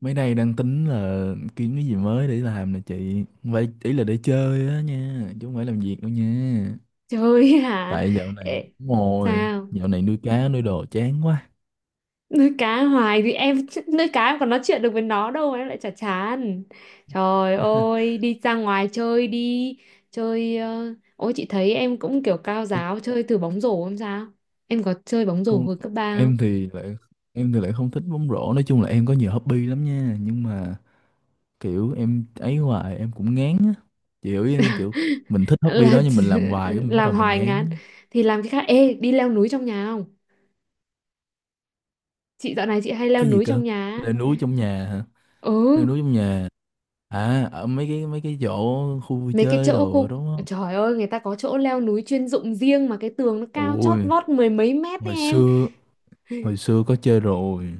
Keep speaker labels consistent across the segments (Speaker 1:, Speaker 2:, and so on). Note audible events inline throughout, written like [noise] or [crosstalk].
Speaker 1: Mấy nay đang tính là kiếm cái gì mới để làm nè chị. Vậy ý là để chơi á nha, chứ không phải làm việc đâu nha.
Speaker 2: Trời, hả?
Speaker 1: Tại dạo này,
Speaker 2: Ê,
Speaker 1: đúng rồi,
Speaker 2: sao?
Speaker 1: dạo này nuôi cá, nuôi đồ chán quá.
Speaker 2: Nuôi cá hoài thì em nuôi cá em còn nói chuyện được với nó đâu mà em lại chả chán. Trời
Speaker 1: [laughs]
Speaker 2: ơi, đi ra ngoài chơi đi. Ôi chị thấy em cũng kiểu cao
Speaker 1: Ê,
Speaker 2: giáo, chơi thử bóng rổ không sao? Em có chơi bóng rổ
Speaker 1: Con,
Speaker 2: hồi cấp 3 không?
Speaker 1: em thì lại em thì lại không thích bóng rổ. Nói chung là em có nhiều hobby lắm nha. Nhưng mà kiểu em ấy hoài em cũng ngán á. Chị hiểu ý em không? Kiểu mình thích hobby
Speaker 2: Là
Speaker 1: đó nhưng mình làm
Speaker 2: [laughs]
Speaker 1: hoài cái mình bắt
Speaker 2: làm
Speaker 1: đầu mình
Speaker 2: hoài
Speaker 1: ngán.
Speaker 2: ngán thì làm cái khác. Ê, đi leo núi trong nhà không? Chị dạo này chị hay leo
Speaker 1: Cái gì
Speaker 2: núi trong
Speaker 1: cơ?
Speaker 2: nhà á.
Speaker 1: Leo núi trong nhà hả? Leo
Speaker 2: Ừ.
Speaker 1: núi trong nhà. À, ở mấy cái chỗ khu vui
Speaker 2: mấy cái
Speaker 1: chơi
Speaker 2: chỗ
Speaker 1: đồ đó
Speaker 2: khu
Speaker 1: đúng không?
Speaker 2: Trời ơi, người ta có chỗ leo núi chuyên dụng riêng mà cái tường nó cao chót
Speaker 1: Ôi,
Speaker 2: vót mười mấy mét đấy
Speaker 1: hồi
Speaker 2: em.
Speaker 1: xưa hồi xưa có chơi rồi.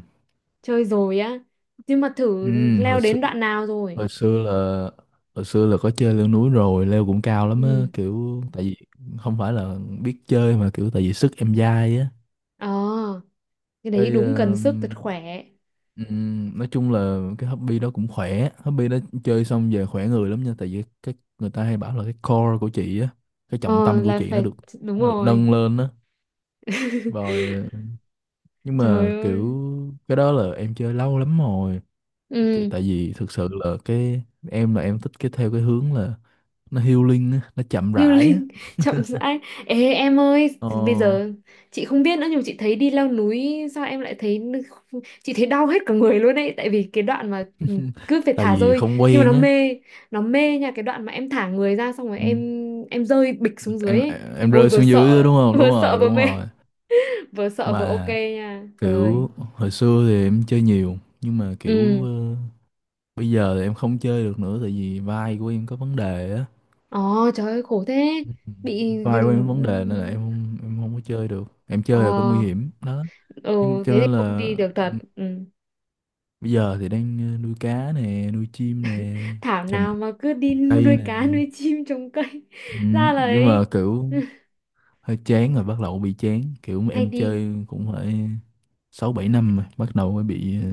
Speaker 2: Chơi rồi á, nhưng mà
Speaker 1: Ừ,
Speaker 2: thử leo đến đoạn nào rồi?
Speaker 1: hồi xưa là hồi xưa là có chơi leo núi rồi, leo cũng cao lắm á,
Speaker 2: Ừ.
Speaker 1: kiểu tại vì không phải là biết chơi mà kiểu tại vì sức em dai á.
Speaker 2: ờ cái đấy
Speaker 1: Cái
Speaker 2: đúng cần
Speaker 1: ờ,
Speaker 2: sức thật khỏe.
Speaker 1: nói chung là cái hobby đó cũng khỏe, hobby đó chơi xong về khỏe người lắm nha, tại vì cái người ta hay bảo là cái core của chị á, cái trọng
Speaker 2: Ờ
Speaker 1: tâm của
Speaker 2: là
Speaker 1: chị nó
Speaker 2: phải,
Speaker 1: được
Speaker 2: đúng
Speaker 1: nó được nâng
Speaker 2: rồi.
Speaker 1: lên á.
Speaker 2: [laughs]
Speaker 1: Rồi nhưng mà
Speaker 2: Trời ơi.
Speaker 1: kiểu cái đó là em chơi lâu lắm rồi kiểu
Speaker 2: Ừ.
Speaker 1: tại vì thực sự là cái em là em thích cái theo cái hướng là nó healing á nó chậm rãi á.
Speaker 2: Healing [laughs] chậm rãi. Ê em ơi,
Speaker 1: ờ,
Speaker 2: bây giờ chị không biết nữa nhưng mà chị thấy đi leo núi, sao em lại thấy, chị thấy đau hết cả người luôn ấy, tại vì cái đoạn mà cứ phải
Speaker 1: Tại
Speaker 2: thả
Speaker 1: vì
Speaker 2: rơi
Speaker 1: không
Speaker 2: nhưng mà
Speaker 1: quen
Speaker 2: nó
Speaker 1: á.
Speaker 2: mê. Nó mê nha, cái đoạn mà em thả người ra xong rồi
Speaker 1: Ừ.
Speaker 2: em rơi bịch xuống dưới
Speaker 1: em
Speaker 2: ấy.
Speaker 1: em
Speaker 2: Ôi
Speaker 1: rơi
Speaker 2: vừa
Speaker 1: xuống dưới á,
Speaker 2: sợ,
Speaker 1: đúng
Speaker 2: [laughs]
Speaker 1: không, đúng
Speaker 2: vừa sợ
Speaker 1: rồi,
Speaker 2: vừa
Speaker 1: đúng
Speaker 2: mê,
Speaker 1: rồi.
Speaker 2: vừa sợ vừa ok
Speaker 1: Mà
Speaker 2: nha. Trời.
Speaker 1: kiểu hồi xưa thì em chơi nhiều nhưng mà kiểu
Speaker 2: Ừ.
Speaker 1: bây giờ thì em không chơi được nữa tại vì vai của em có vấn đề á.
Speaker 2: Ồ trời ơi, khổ thế.
Speaker 1: [laughs] Ừ.
Speaker 2: Bị
Speaker 1: Vai của em có vấn đề nên là em không có chơi được em
Speaker 2: ờ
Speaker 1: chơi là có nguy hiểm đó nhưng mà
Speaker 2: ừ,
Speaker 1: cho
Speaker 2: thế
Speaker 1: nên
Speaker 2: thì không
Speaker 1: là
Speaker 2: đi được thật. Ừ.
Speaker 1: bây giờ thì đang nuôi cá nè, nuôi chim nè,
Speaker 2: Thảo
Speaker 1: trồng
Speaker 2: nào mà cứ đi [laughs]
Speaker 1: cây
Speaker 2: nuôi
Speaker 1: nè.
Speaker 2: cá, nuôi chim, trồng cây. [laughs]
Speaker 1: Ừ,
Speaker 2: Ra là
Speaker 1: nhưng mà
Speaker 2: ấy.
Speaker 1: kiểu
Speaker 2: [laughs]
Speaker 1: hơi chán rồi bắt đầu bị chán. Kiểu
Speaker 2: Hay
Speaker 1: em
Speaker 2: đi.
Speaker 1: chơi cũng phải 6 7 năm rồi, bắt đầu mới bị ờ,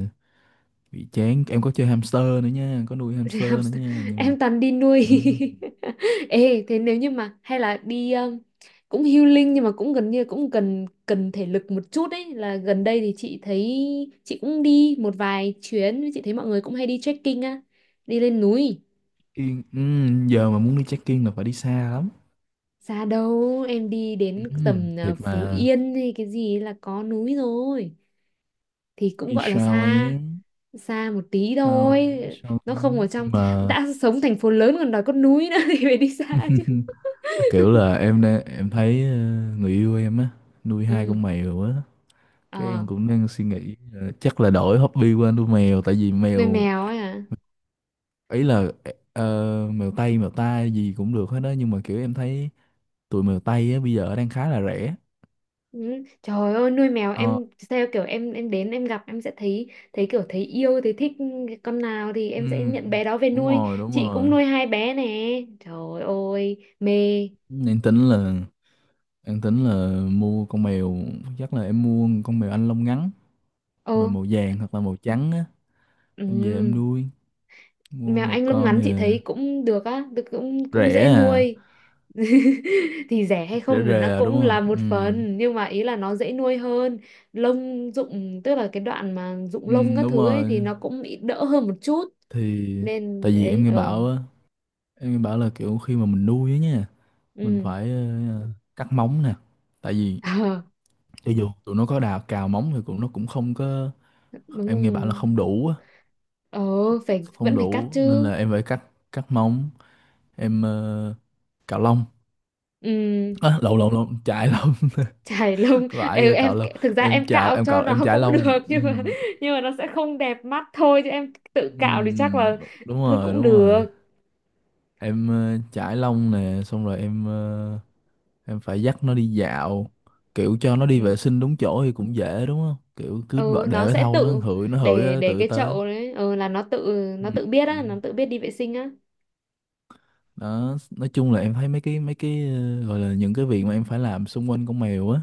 Speaker 1: bị chán. Em có chơi hamster nữa nha, có nuôi
Speaker 2: Thì
Speaker 1: hamster
Speaker 2: [laughs]
Speaker 1: nữa
Speaker 2: hamster,
Speaker 1: nha, nhưng mà
Speaker 2: em toàn đi nuôi.
Speaker 1: ừ,
Speaker 2: [laughs] Ê, thế nếu như mà hay là đi cũng healing nhưng mà cũng gần như cũng cần cần thể lực một chút ấy, là gần đây thì chị thấy, chị cũng đi một vài chuyến, chị thấy mọi người cũng hay đi trekking á, đi lên núi.
Speaker 1: yên, ừ, giờ mà muốn đi check-in là phải đi xa lắm.
Speaker 2: Xa đâu, em đi đến
Speaker 1: Ừ,
Speaker 2: tầm
Speaker 1: thiệt
Speaker 2: Phú
Speaker 1: mà
Speaker 2: Yên hay cái gì là có núi rồi, thì cũng
Speaker 1: vì
Speaker 2: gọi là
Speaker 1: sao
Speaker 2: xa,
Speaker 1: em
Speaker 2: xa một tí
Speaker 1: sao
Speaker 2: thôi.
Speaker 1: em sao
Speaker 2: Nó không ở
Speaker 1: em
Speaker 2: trong,
Speaker 1: nhưng mà.
Speaker 2: đã sống thành phố lớn còn đòi có núi nữa [laughs] thì phải đi xa chứ.
Speaker 1: [laughs] Kiểu là em đang em thấy người yêu em á nuôi hai
Speaker 2: Ừ.
Speaker 1: con mèo á, cái
Speaker 2: ờ
Speaker 1: em cũng đang suy nghĩ chắc là đổi hobby qua nuôi mèo tại vì
Speaker 2: Nuôi
Speaker 1: mèo
Speaker 2: mèo ấy à?
Speaker 1: ấy là ờ, mèo Tây mèo ta gì cũng được hết đó nhưng mà kiểu em thấy tụi mèo Tây á bây giờ đang khá là rẻ.
Speaker 2: Ừ. Trời ơi, nuôi mèo
Speaker 1: Ờ,
Speaker 2: em theo kiểu em đến em gặp, em sẽ thấy, thấy kiểu, thấy yêu thấy thích con nào thì em sẽ
Speaker 1: ừm,
Speaker 2: nhận bé đó về
Speaker 1: đúng
Speaker 2: nuôi.
Speaker 1: rồi, đúng
Speaker 2: Chị cũng
Speaker 1: rồi.
Speaker 2: nuôi hai bé nè. Trời ơi mê.
Speaker 1: Em tính là em tính là mua con mèo, chắc là em mua một con mèo Anh lông ngắn
Speaker 2: Ồ.
Speaker 1: mà màu vàng hoặc là màu trắng á.
Speaker 2: Ừ,
Speaker 1: Em về em nuôi, mua
Speaker 2: mèo
Speaker 1: một
Speaker 2: Anh lông
Speaker 1: con
Speaker 2: ngắn chị thấy cũng được á, được, cũng cũng
Speaker 1: rẻ
Speaker 2: dễ
Speaker 1: à?
Speaker 2: nuôi. [laughs] Thì rẻ hay
Speaker 1: Rẻ
Speaker 2: không thì nó
Speaker 1: rè đúng
Speaker 2: cũng
Speaker 1: không?
Speaker 2: là một
Speaker 1: Ừ.
Speaker 2: phần, nhưng mà ý là nó dễ nuôi hơn. Lông rụng, tức là cái đoạn mà rụng
Speaker 1: Ừ,
Speaker 2: lông các
Speaker 1: đúng
Speaker 2: thứ ấy
Speaker 1: rồi.
Speaker 2: thì nó cũng bị đỡ hơn một chút.
Speaker 1: Thì
Speaker 2: Nên
Speaker 1: tại vì em
Speaker 2: đấy.
Speaker 1: nghe
Speaker 2: Ừ.
Speaker 1: bảo á em nghe bảo là kiểu khi mà mình nuôi á nha mình
Speaker 2: Ừ.
Speaker 1: phải ờ, cắt móng nè tại vì
Speaker 2: [laughs] Ờ,
Speaker 1: cho dù tụi nó có đào cào móng thì cũng nó cũng không có, em nghe bảo là không
Speaker 2: đúng.
Speaker 1: đủ á.
Speaker 2: ờ Phải,
Speaker 1: Không
Speaker 2: vẫn phải cắt
Speaker 1: đủ nên
Speaker 2: chứ.
Speaker 1: là em phải cắt, cắt móng. Em cạo lông,
Speaker 2: Ừ.
Speaker 1: à, lộn lộn lộn chải lông.
Speaker 2: Chải lông.
Speaker 1: [laughs] Vãi
Speaker 2: Ê
Speaker 1: rồi,
Speaker 2: em,
Speaker 1: cạo lông.
Speaker 2: thực ra
Speaker 1: Em
Speaker 2: em
Speaker 1: chạo
Speaker 2: cạo
Speaker 1: em
Speaker 2: cho
Speaker 1: cạo
Speaker 2: nó
Speaker 1: em
Speaker 2: [laughs]
Speaker 1: chải
Speaker 2: cũng
Speaker 1: lông.
Speaker 2: được,
Speaker 1: Ừ.
Speaker 2: nhưng mà, nhưng mà nó sẽ không đẹp mắt thôi, chứ em tự cạo thì chắc
Speaker 1: Ừ,
Speaker 2: là
Speaker 1: đúng
Speaker 2: thôi
Speaker 1: rồi,
Speaker 2: cũng
Speaker 1: đúng rồi.
Speaker 2: được.
Speaker 1: Em chải lông nè xong rồi em em phải dắt nó đi dạo kiểu cho nó đi
Speaker 2: Ừ.
Speaker 1: vệ sinh đúng chỗ thì cũng dễ đúng không, kiểu cứ
Speaker 2: Ừ,
Speaker 1: để
Speaker 2: nó
Speaker 1: cái
Speaker 2: sẽ
Speaker 1: thau nó
Speaker 2: tự,
Speaker 1: hửi,
Speaker 2: để
Speaker 1: nó
Speaker 2: để
Speaker 1: tự
Speaker 2: cái
Speaker 1: tới.
Speaker 2: chậu đấy ừ, là nó tự,
Speaker 1: Ừ.
Speaker 2: nó tự biết á, nó tự biết đi vệ sinh á.
Speaker 1: Đó, nói chung là em thấy mấy cái gọi là những cái việc mà em phải làm xung quanh con mèo á,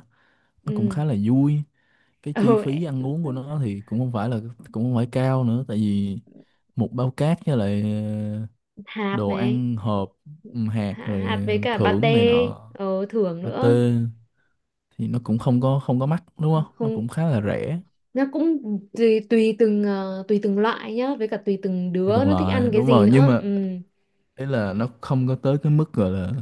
Speaker 1: nó cũng
Speaker 2: Ừ.
Speaker 1: khá là vui. Cái chi
Speaker 2: Ừ.
Speaker 1: phí ăn uống của nó thì cũng không phải cao nữa tại vì một bao cát với lại
Speaker 2: Hạt
Speaker 1: đồ
Speaker 2: này.
Speaker 1: ăn hộp, ừ, hạt
Speaker 2: Hạt, hạt
Speaker 1: rồi
Speaker 2: với cả
Speaker 1: thưởng này
Speaker 2: pate.
Speaker 1: nọ,
Speaker 2: Ừ, thưởng nữa.
Speaker 1: pate, thì nó cũng không có mắc đúng không, nó
Speaker 2: Không,
Speaker 1: cũng khá là rẻ.
Speaker 2: nó cũng tùy tùy từng ờ, tùy từng loại nhá, với cả tùy từng
Speaker 1: Thì
Speaker 2: đứa
Speaker 1: đồng
Speaker 2: nó thích ăn
Speaker 1: loại
Speaker 2: cái
Speaker 1: đúng
Speaker 2: gì
Speaker 1: rồi nhưng
Speaker 2: nữa.
Speaker 1: mà
Speaker 2: Ừ.
Speaker 1: ý là nó không có tới cái mức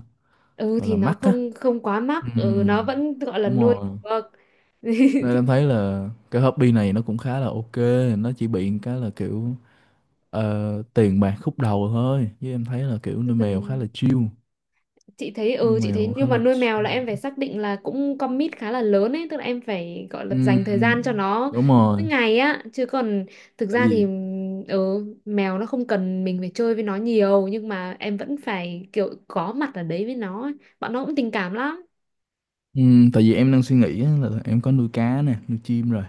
Speaker 2: Ừ,
Speaker 1: gọi
Speaker 2: thì
Speaker 1: là
Speaker 2: nó
Speaker 1: mắc á.
Speaker 2: không không quá
Speaker 1: Ừ.
Speaker 2: mắc, ừ, nó vẫn gọi là
Speaker 1: Đúng
Speaker 2: nuôi
Speaker 1: rồi.
Speaker 2: được. [laughs]
Speaker 1: Nên
Speaker 2: Thì
Speaker 1: em thấy là cái hobby này nó cũng khá là ok, nó chỉ bị một cái là kiểu tiền bạc khúc đầu thôi chứ em thấy là kiểu
Speaker 2: chỉ
Speaker 1: nuôi
Speaker 2: cần,
Speaker 1: mèo khá là chill,
Speaker 2: chị thấy,
Speaker 1: nuôi mèo khá
Speaker 2: nhưng mà
Speaker 1: là
Speaker 2: nuôi mèo là em phải
Speaker 1: chill.
Speaker 2: xác định là cũng commit khá là lớn ấy, tức là em phải gọi là dành thời
Speaker 1: Ừm,
Speaker 2: gian cho nó
Speaker 1: đúng rồi.
Speaker 2: mỗi ngày á, chứ còn thực
Speaker 1: tại
Speaker 2: ra thì,
Speaker 1: vì
Speaker 2: mèo nó không cần mình phải chơi với nó nhiều, nhưng mà em vẫn phải kiểu có mặt ở đấy với nó ấy. Bọn nó cũng tình cảm lắm.
Speaker 1: ừm, tại vì em đang suy nghĩ á là em có nuôi cá nè, nuôi chim rồi,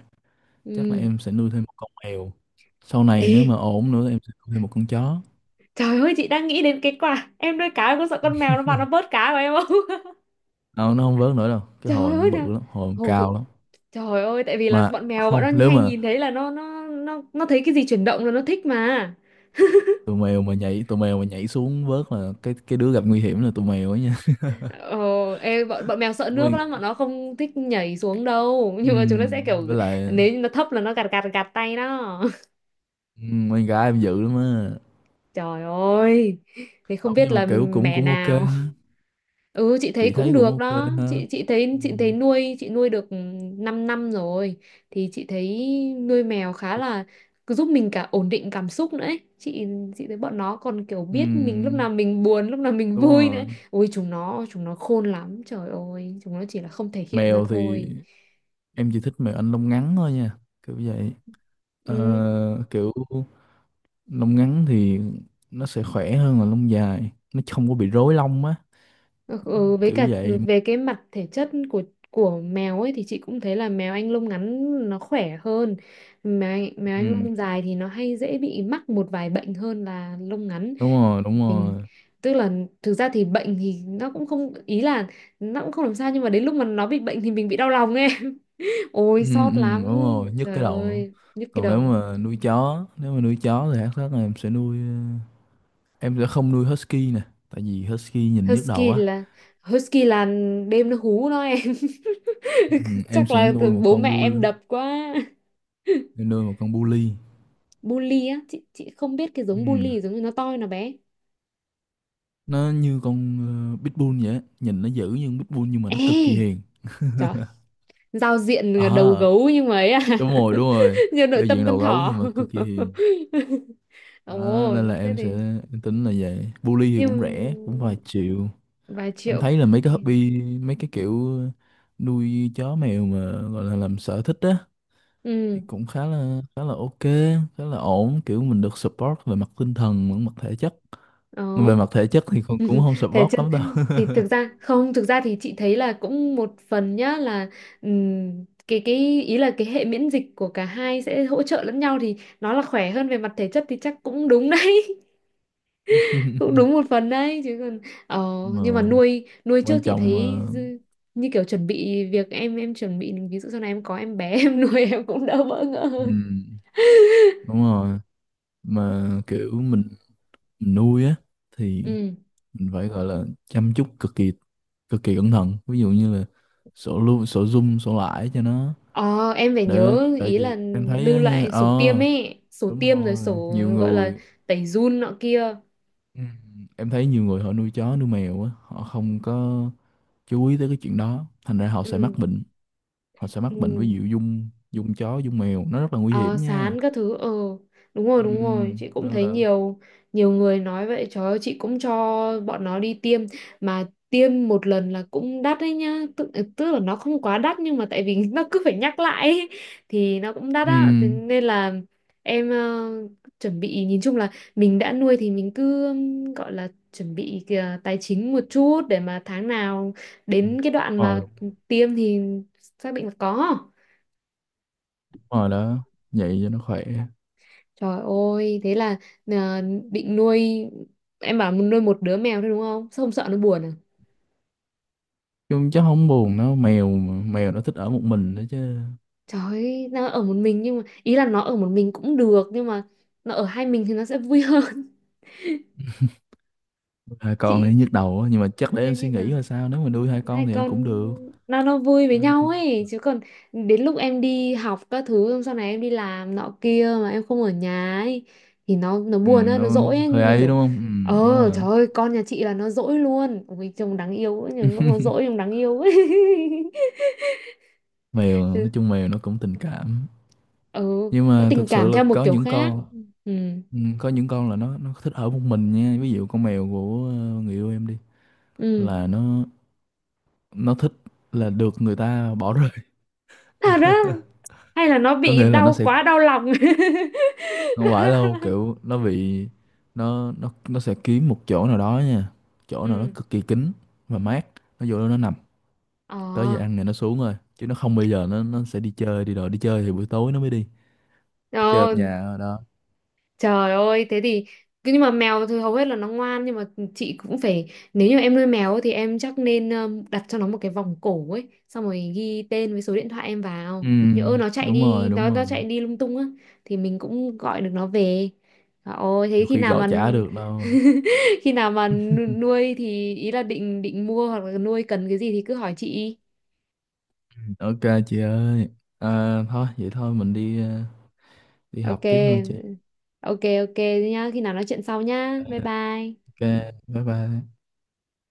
Speaker 1: chắc là
Speaker 2: Ừ.
Speaker 1: em sẽ nuôi thêm một con mèo, sau này
Speaker 2: Ê,
Speaker 1: nếu mà ổn nữa em sẽ nuôi thêm một con chó.
Speaker 2: trời ơi, chị đang nghĩ đến cái quả em nuôi cá, em có sợ con mèo nó vào nó bớt cá của em không?
Speaker 1: Không, nó không vớt nữa đâu, cái
Speaker 2: Trời
Speaker 1: hồi nó
Speaker 2: ơi nào.
Speaker 1: bự lắm, hồi nó
Speaker 2: Hồi bự.
Speaker 1: cao lắm.
Speaker 2: Trời ơi, tại vì là
Speaker 1: Mà
Speaker 2: bọn mèo, bọn
Speaker 1: không,
Speaker 2: nó
Speaker 1: nếu
Speaker 2: hay
Speaker 1: mà
Speaker 2: nhìn thấy là nó thấy cái gì chuyển động là nó thích mà.
Speaker 1: tụi mèo mà nhảy xuống vớt là cái đứa gặp nguy hiểm là tụi mèo ấy nha.
Speaker 2: ờ, ê, bọn bọn mèo sợ nước
Speaker 1: [laughs] Mình,
Speaker 2: lắm, bọn nó không thích nhảy xuống đâu, [laughs] nhưng mà chúng nó sẽ kiểu,
Speaker 1: với lại
Speaker 2: nếu như nó thấp là nó gạt gạt gạt tay đó.
Speaker 1: con gái em dữ lắm á.
Speaker 2: [laughs] Trời ơi, thế không
Speaker 1: Không
Speaker 2: biết
Speaker 1: nhưng mà
Speaker 2: là
Speaker 1: kiểu cũng
Speaker 2: mẹ
Speaker 1: cũng ok
Speaker 2: nào.
Speaker 1: ha.
Speaker 2: Ừ, chị thấy
Speaker 1: Chị
Speaker 2: cũng
Speaker 1: thấy cũng
Speaker 2: được
Speaker 1: ok
Speaker 2: đó.
Speaker 1: ha.
Speaker 2: chị chị thấy chị thấy
Speaker 1: Ừm,
Speaker 2: nuôi chị nuôi được 5 năm năm rồi, thì chị thấy nuôi mèo khá là cứ giúp mình cả ổn định cảm xúc nữa ấy. Chị thấy bọn nó còn kiểu biết mình lúc nào
Speaker 1: ừm,
Speaker 2: mình buồn, lúc nào mình
Speaker 1: đúng
Speaker 2: vui nữa.
Speaker 1: rồi.
Speaker 2: Ôi, chúng nó khôn lắm, trời ơi, chúng nó chỉ là không thể hiện ra
Speaker 1: Mèo thì
Speaker 2: thôi.
Speaker 1: em chỉ thích mèo Anh lông ngắn thôi nha, kiểu vậy.
Speaker 2: Ừ.
Speaker 1: Ờ, kiểu lông ngắn thì nó sẽ khỏe hơn là lông dài, nó không có bị rối lông á,
Speaker 2: Ừ, ừ, với
Speaker 1: kiểu
Speaker 2: cả
Speaker 1: vậy.
Speaker 2: về cái mặt thể chất của mèo ấy thì chị cũng thấy là mèo Anh lông ngắn nó khỏe hơn. Mèo Anh, mèo Anh
Speaker 1: Ừ,
Speaker 2: lông dài thì nó hay dễ bị mắc một vài bệnh hơn là lông ngắn.
Speaker 1: đúng rồi, đúng
Speaker 2: Mình,
Speaker 1: rồi.
Speaker 2: tức là, thực ra thì bệnh thì nó cũng không, ý là nó cũng không làm sao, nhưng mà đến lúc mà nó bị bệnh thì mình bị đau lòng em. [laughs]
Speaker 1: Ừ,
Speaker 2: Ôi
Speaker 1: ừ,
Speaker 2: xót lắm.
Speaker 1: đúng rồi, nhức
Speaker 2: Trời
Speaker 1: cái đầu nữa.
Speaker 2: ơi, nhức cái
Speaker 1: Còn nếu
Speaker 2: đầu.
Speaker 1: mà nuôi chó nếu mà nuôi chó thì hát rất là em sẽ nuôi, em sẽ không nuôi husky nè tại vì husky nhìn nhức đầu
Speaker 2: Husky
Speaker 1: á.
Speaker 2: là Husky là đêm nó hú nó em. [laughs]
Speaker 1: Ừ, em
Speaker 2: Chắc
Speaker 1: sẽ
Speaker 2: là
Speaker 1: nuôi một
Speaker 2: bố
Speaker 1: con
Speaker 2: mẹ
Speaker 1: bull,
Speaker 2: em đập quá.
Speaker 1: em nuôi một con bully.
Speaker 2: Bully á, chị không biết cái
Speaker 1: Ừ.
Speaker 2: giống bully giống như nó to nó bé.
Speaker 1: Nó như con pitbull vậy á. Nhìn nó dữ như con pitbull nhưng mà nó cực kỳ
Speaker 2: Ê,
Speaker 1: hiền.
Speaker 2: trời, giao diện là đầu
Speaker 1: Ờ,
Speaker 2: gấu nhưng mà ấy à.
Speaker 1: đúng rồi, đúng
Speaker 2: [laughs]
Speaker 1: rồi.
Speaker 2: Như nội
Speaker 1: Giao
Speaker 2: tâm
Speaker 1: diện
Speaker 2: con
Speaker 1: đầu gấu nhưng
Speaker 2: thỏ.
Speaker 1: mà cực kỳ hiền.
Speaker 2: [laughs]
Speaker 1: Đó
Speaker 2: Ồ,
Speaker 1: nên là
Speaker 2: thế
Speaker 1: em sẽ,
Speaker 2: thì
Speaker 1: em tính là vậy, bully thì cũng rẻ cũng vài
Speaker 2: nhưng,
Speaker 1: triệu.
Speaker 2: vài
Speaker 1: Em
Speaker 2: triệu.
Speaker 1: thấy là mấy cái
Speaker 2: thì-
Speaker 1: hobby mấy cái kiểu nuôi chó mèo mà gọi là làm sở thích á
Speaker 2: Ừ.
Speaker 1: thì cũng khá là ok, khá là ổn, kiểu mình được support về mặt tinh thần lẫn mặt thể chất.
Speaker 2: Ồ.
Speaker 1: Về mặt thể chất thì cũng cũng không
Speaker 2: Thế
Speaker 1: support
Speaker 2: chứ,
Speaker 1: lắm đâu.
Speaker 2: thì thực ra không, thực ra thì chị thấy là cũng một phần nhá, là cái ý là cái hệ miễn dịch của cả hai sẽ hỗ trợ lẫn nhau, thì nó là khỏe hơn về mặt thể chất thì chắc cũng đúng đấy. Cũng đúng một
Speaker 1: [laughs]
Speaker 2: phần đấy, chứ còn ờ,
Speaker 1: Mà
Speaker 2: nhưng mà nuôi nuôi trước
Speaker 1: quan
Speaker 2: chị
Speaker 1: trọng
Speaker 2: thấy
Speaker 1: là,
Speaker 2: như kiểu chuẩn bị việc em chuẩn bị ví dụ sau này em có em bé [laughs] em nuôi em cũng đỡ bỡ ngỡ hơn.
Speaker 1: ừ, đúng rồi. Mà kiểu mình nuôi á thì
Speaker 2: Ừ.
Speaker 1: mình phải gọi là chăm chút cực kỳ, cực kỳ cẩn thận, ví dụ như là sổ lưu sổ zoom sổ lãi cho nó,
Speaker 2: ờ, em phải
Speaker 1: để
Speaker 2: nhớ,
Speaker 1: tại
Speaker 2: ý là
Speaker 1: vì em thấy
Speaker 2: lưu
Speaker 1: á nha.
Speaker 2: lại
Speaker 1: Ờ,
Speaker 2: sổ tiêm ấy, sổ
Speaker 1: đúng
Speaker 2: tiêm rồi
Speaker 1: rồi,
Speaker 2: sổ
Speaker 1: nhiều
Speaker 2: gọi là
Speaker 1: người.
Speaker 2: tẩy giun nọ kia.
Speaker 1: Ừ, em thấy nhiều người họ nuôi chó nuôi mèo á họ không có chú ý tới cái chuyện đó thành ra họ sẽ mắc
Speaker 2: Ừ.
Speaker 1: bệnh,
Speaker 2: Ừ.
Speaker 1: với dụ dung dung chó dung mèo nó rất là nguy
Speaker 2: Ờ,
Speaker 1: hiểm nha.
Speaker 2: sán các thứ. Ờ Đúng rồi,
Speaker 1: Ừ,
Speaker 2: đúng rồi, chị cũng
Speaker 1: nên
Speaker 2: thấy
Speaker 1: là
Speaker 2: nhiều nhiều người nói vậy. Trời ơi, chị cũng cho bọn nó đi tiêm, mà tiêm một lần là cũng đắt đấy nhá, tức là nó không quá đắt nhưng mà tại vì [laughs] nó cứ phải nhắc lại ấy, thì nó cũng đắt
Speaker 1: ừ,
Speaker 2: á, thế nên là em, chuẩn bị, nhìn chung là mình đã nuôi thì mình cứ gọi là chuẩn bị kìa, tài chính một chút để mà tháng nào đến cái đoạn
Speaker 1: Ờ
Speaker 2: mà
Speaker 1: đúng
Speaker 2: tiêm thì xác định là có.
Speaker 1: rồi, đó vậy cho nó khỏe.
Speaker 2: Trời ơi, thế là à, định nuôi, em bảo muốn nuôi một đứa mèo thôi đúng không? Sao không sợ nó buồn à?
Speaker 1: Chung chắc không buồn đâu mèo mà. Mèo nó thích ở một mình đó chứ,
Speaker 2: Trời ơi, nó ở một mình, nhưng mà ý là nó ở một mình cũng được nhưng mà nó ở hai mình thì nó sẽ vui hơn.
Speaker 1: hai
Speaker 2: [laughs]
Speaker 1: con thì
Speaker 2: Chị,
Speaker 1: nhức đầu á, nhưng mà chắc để em
Speaker 2: nên
Speaker 1: suy
Speaker 2: như là
Speaker 1: nghĩ là sao, nếu mà nuôi hai con
Speaker 2: hai
Speaker 1: thì em cũng
Speaker 2: con
Speaker 1: được.
Speaker 2: nó vui với
Speaker 1: Hai
Speaker 2: nhau
Speaker 1: con,
Speaker 2: ấy, chứ còn đến lúc em đi học các thứ xong, sau này em đi làm nọ kia mà em không ở nhà ấy thì nó
Speaker 1: ừ,
Speaker 2: buồn
Speaker 1: đúng
Speaker 2: á, nó dỗi
Speaker 1: không?
Speaker 2: ấy,
Speaker 1: Hơi
Speaker 2: như
Speaker 1: ấy
Speaker 2: kiểu,
Speaker 1: đúng không? Ừ, đúng rồi.
Speaker 2: trời ơi con nhà chị là nó dỗi luôn, ôi trông đáng yêu ấy, nhưng lúc nó dỗi
Speaker 1: [laughs]
Speaker 2: trông đáng yêu ấy.
Speaker 1: Mèo,
Speaker 2: [laughs]
Speaker 1: nói
Speaker 2: Chứ.
Speaker 1: chung mèo nó cũng tình cảm,
Speaker 2: Ừ.
Speaker 1: nhưng
Speaker 2: Nó
Speaker 1: mà
Speaker 2: tình
Speaker 1: thật sự
Speaker 2: cảm
Speaker 1: là
Speaker 2: theo một
Speaker 1: có
Speaker 2: kiểu
Speaker 1: những
Speaker 2: khác.
Speaker 1: con,
Speaker 2: Ừ.
Speaker 1: ừ, có những con là nó thích ở một mình nha, ví dụ con mèo của người yêu em đi
Speaker 2: Ừ.
Speaker 1: là nó thích, là được người ta bỏ rơi,
Speaker 2: Thật á? Hay là nó
Speaker 1: có
Speaker 2: bị
Speaker 1: nghĩa là nó
Speaker 2: đau
Speaker 1: sẽ
Speaker 2: quá, đau lòng. [laughs] Quá
Speaker 1: không phải
Speaker 2: đau
Speaker 1: đâu
Speaker 2: lòng.
Speaker 1: kiểu nó bị, nó sẽ kiếm một chỗ nào đó nha, chỗ nào nó
Speaker 2: Ừ.
Speaker 1: cực kỳ kín và mát, nó vô đó nó nằm.
Speaker 2: Ờ.
Speaker 1: Tới giờ ăn thì nó xuống rồi chứ nó không, bây giờ nó sẽ đi chơi đi rồi đi chơi thì buổi tối nó mới đi chơi ở
Speaker 2: Ờ.
Speaker 1: nhà ở đó.
Speaker 2: Trời ơi, thế thì nhưng mà mèo thì hầu hết là nó ngoan, nhưng mà chị cũng phải, nếu như em nuôi mèo ấy thì em chắc nên đặt cho nó một cái vòng cổ ấy, xong rồi ghi tên với số điện thoại em
Speaker 1: Ừ,
Speaker 2: vào. Nhỡ nó chạy
Speaker 1: đúng
Speaker 2: đi,
Speaker 1: rồi, đúng
Speaker 2: nó
Speaker 1: rồi.
Speaker 2: nó chạy đi lung tung á thì mình cũng gọi được nó về. Trời ơi, thế
Speaker 1: Nhiều
Speaker 2: khi
Speaker 1: khi
Speaker 2: nào
Speaker 1: gọi
Speaker 2: mà
Speaker 1: chả được đâu.
Speaker 2: [laughs] khi nào mà nuôi thì ý là định định mua hoặc là nuôi cần cái gì thì cứ hỏi chị.
Speaker 1: Ok chị ơi, à, thôi vậy thôi mình đi đi học
Speaker 2: Ok.
Speaker 1: tiếp thôi chị.
Speaker 2: Ok, ok nhá, khi nào nói chuyện sau nhá. Bye bye.
Speaker 1: Ok bye bye.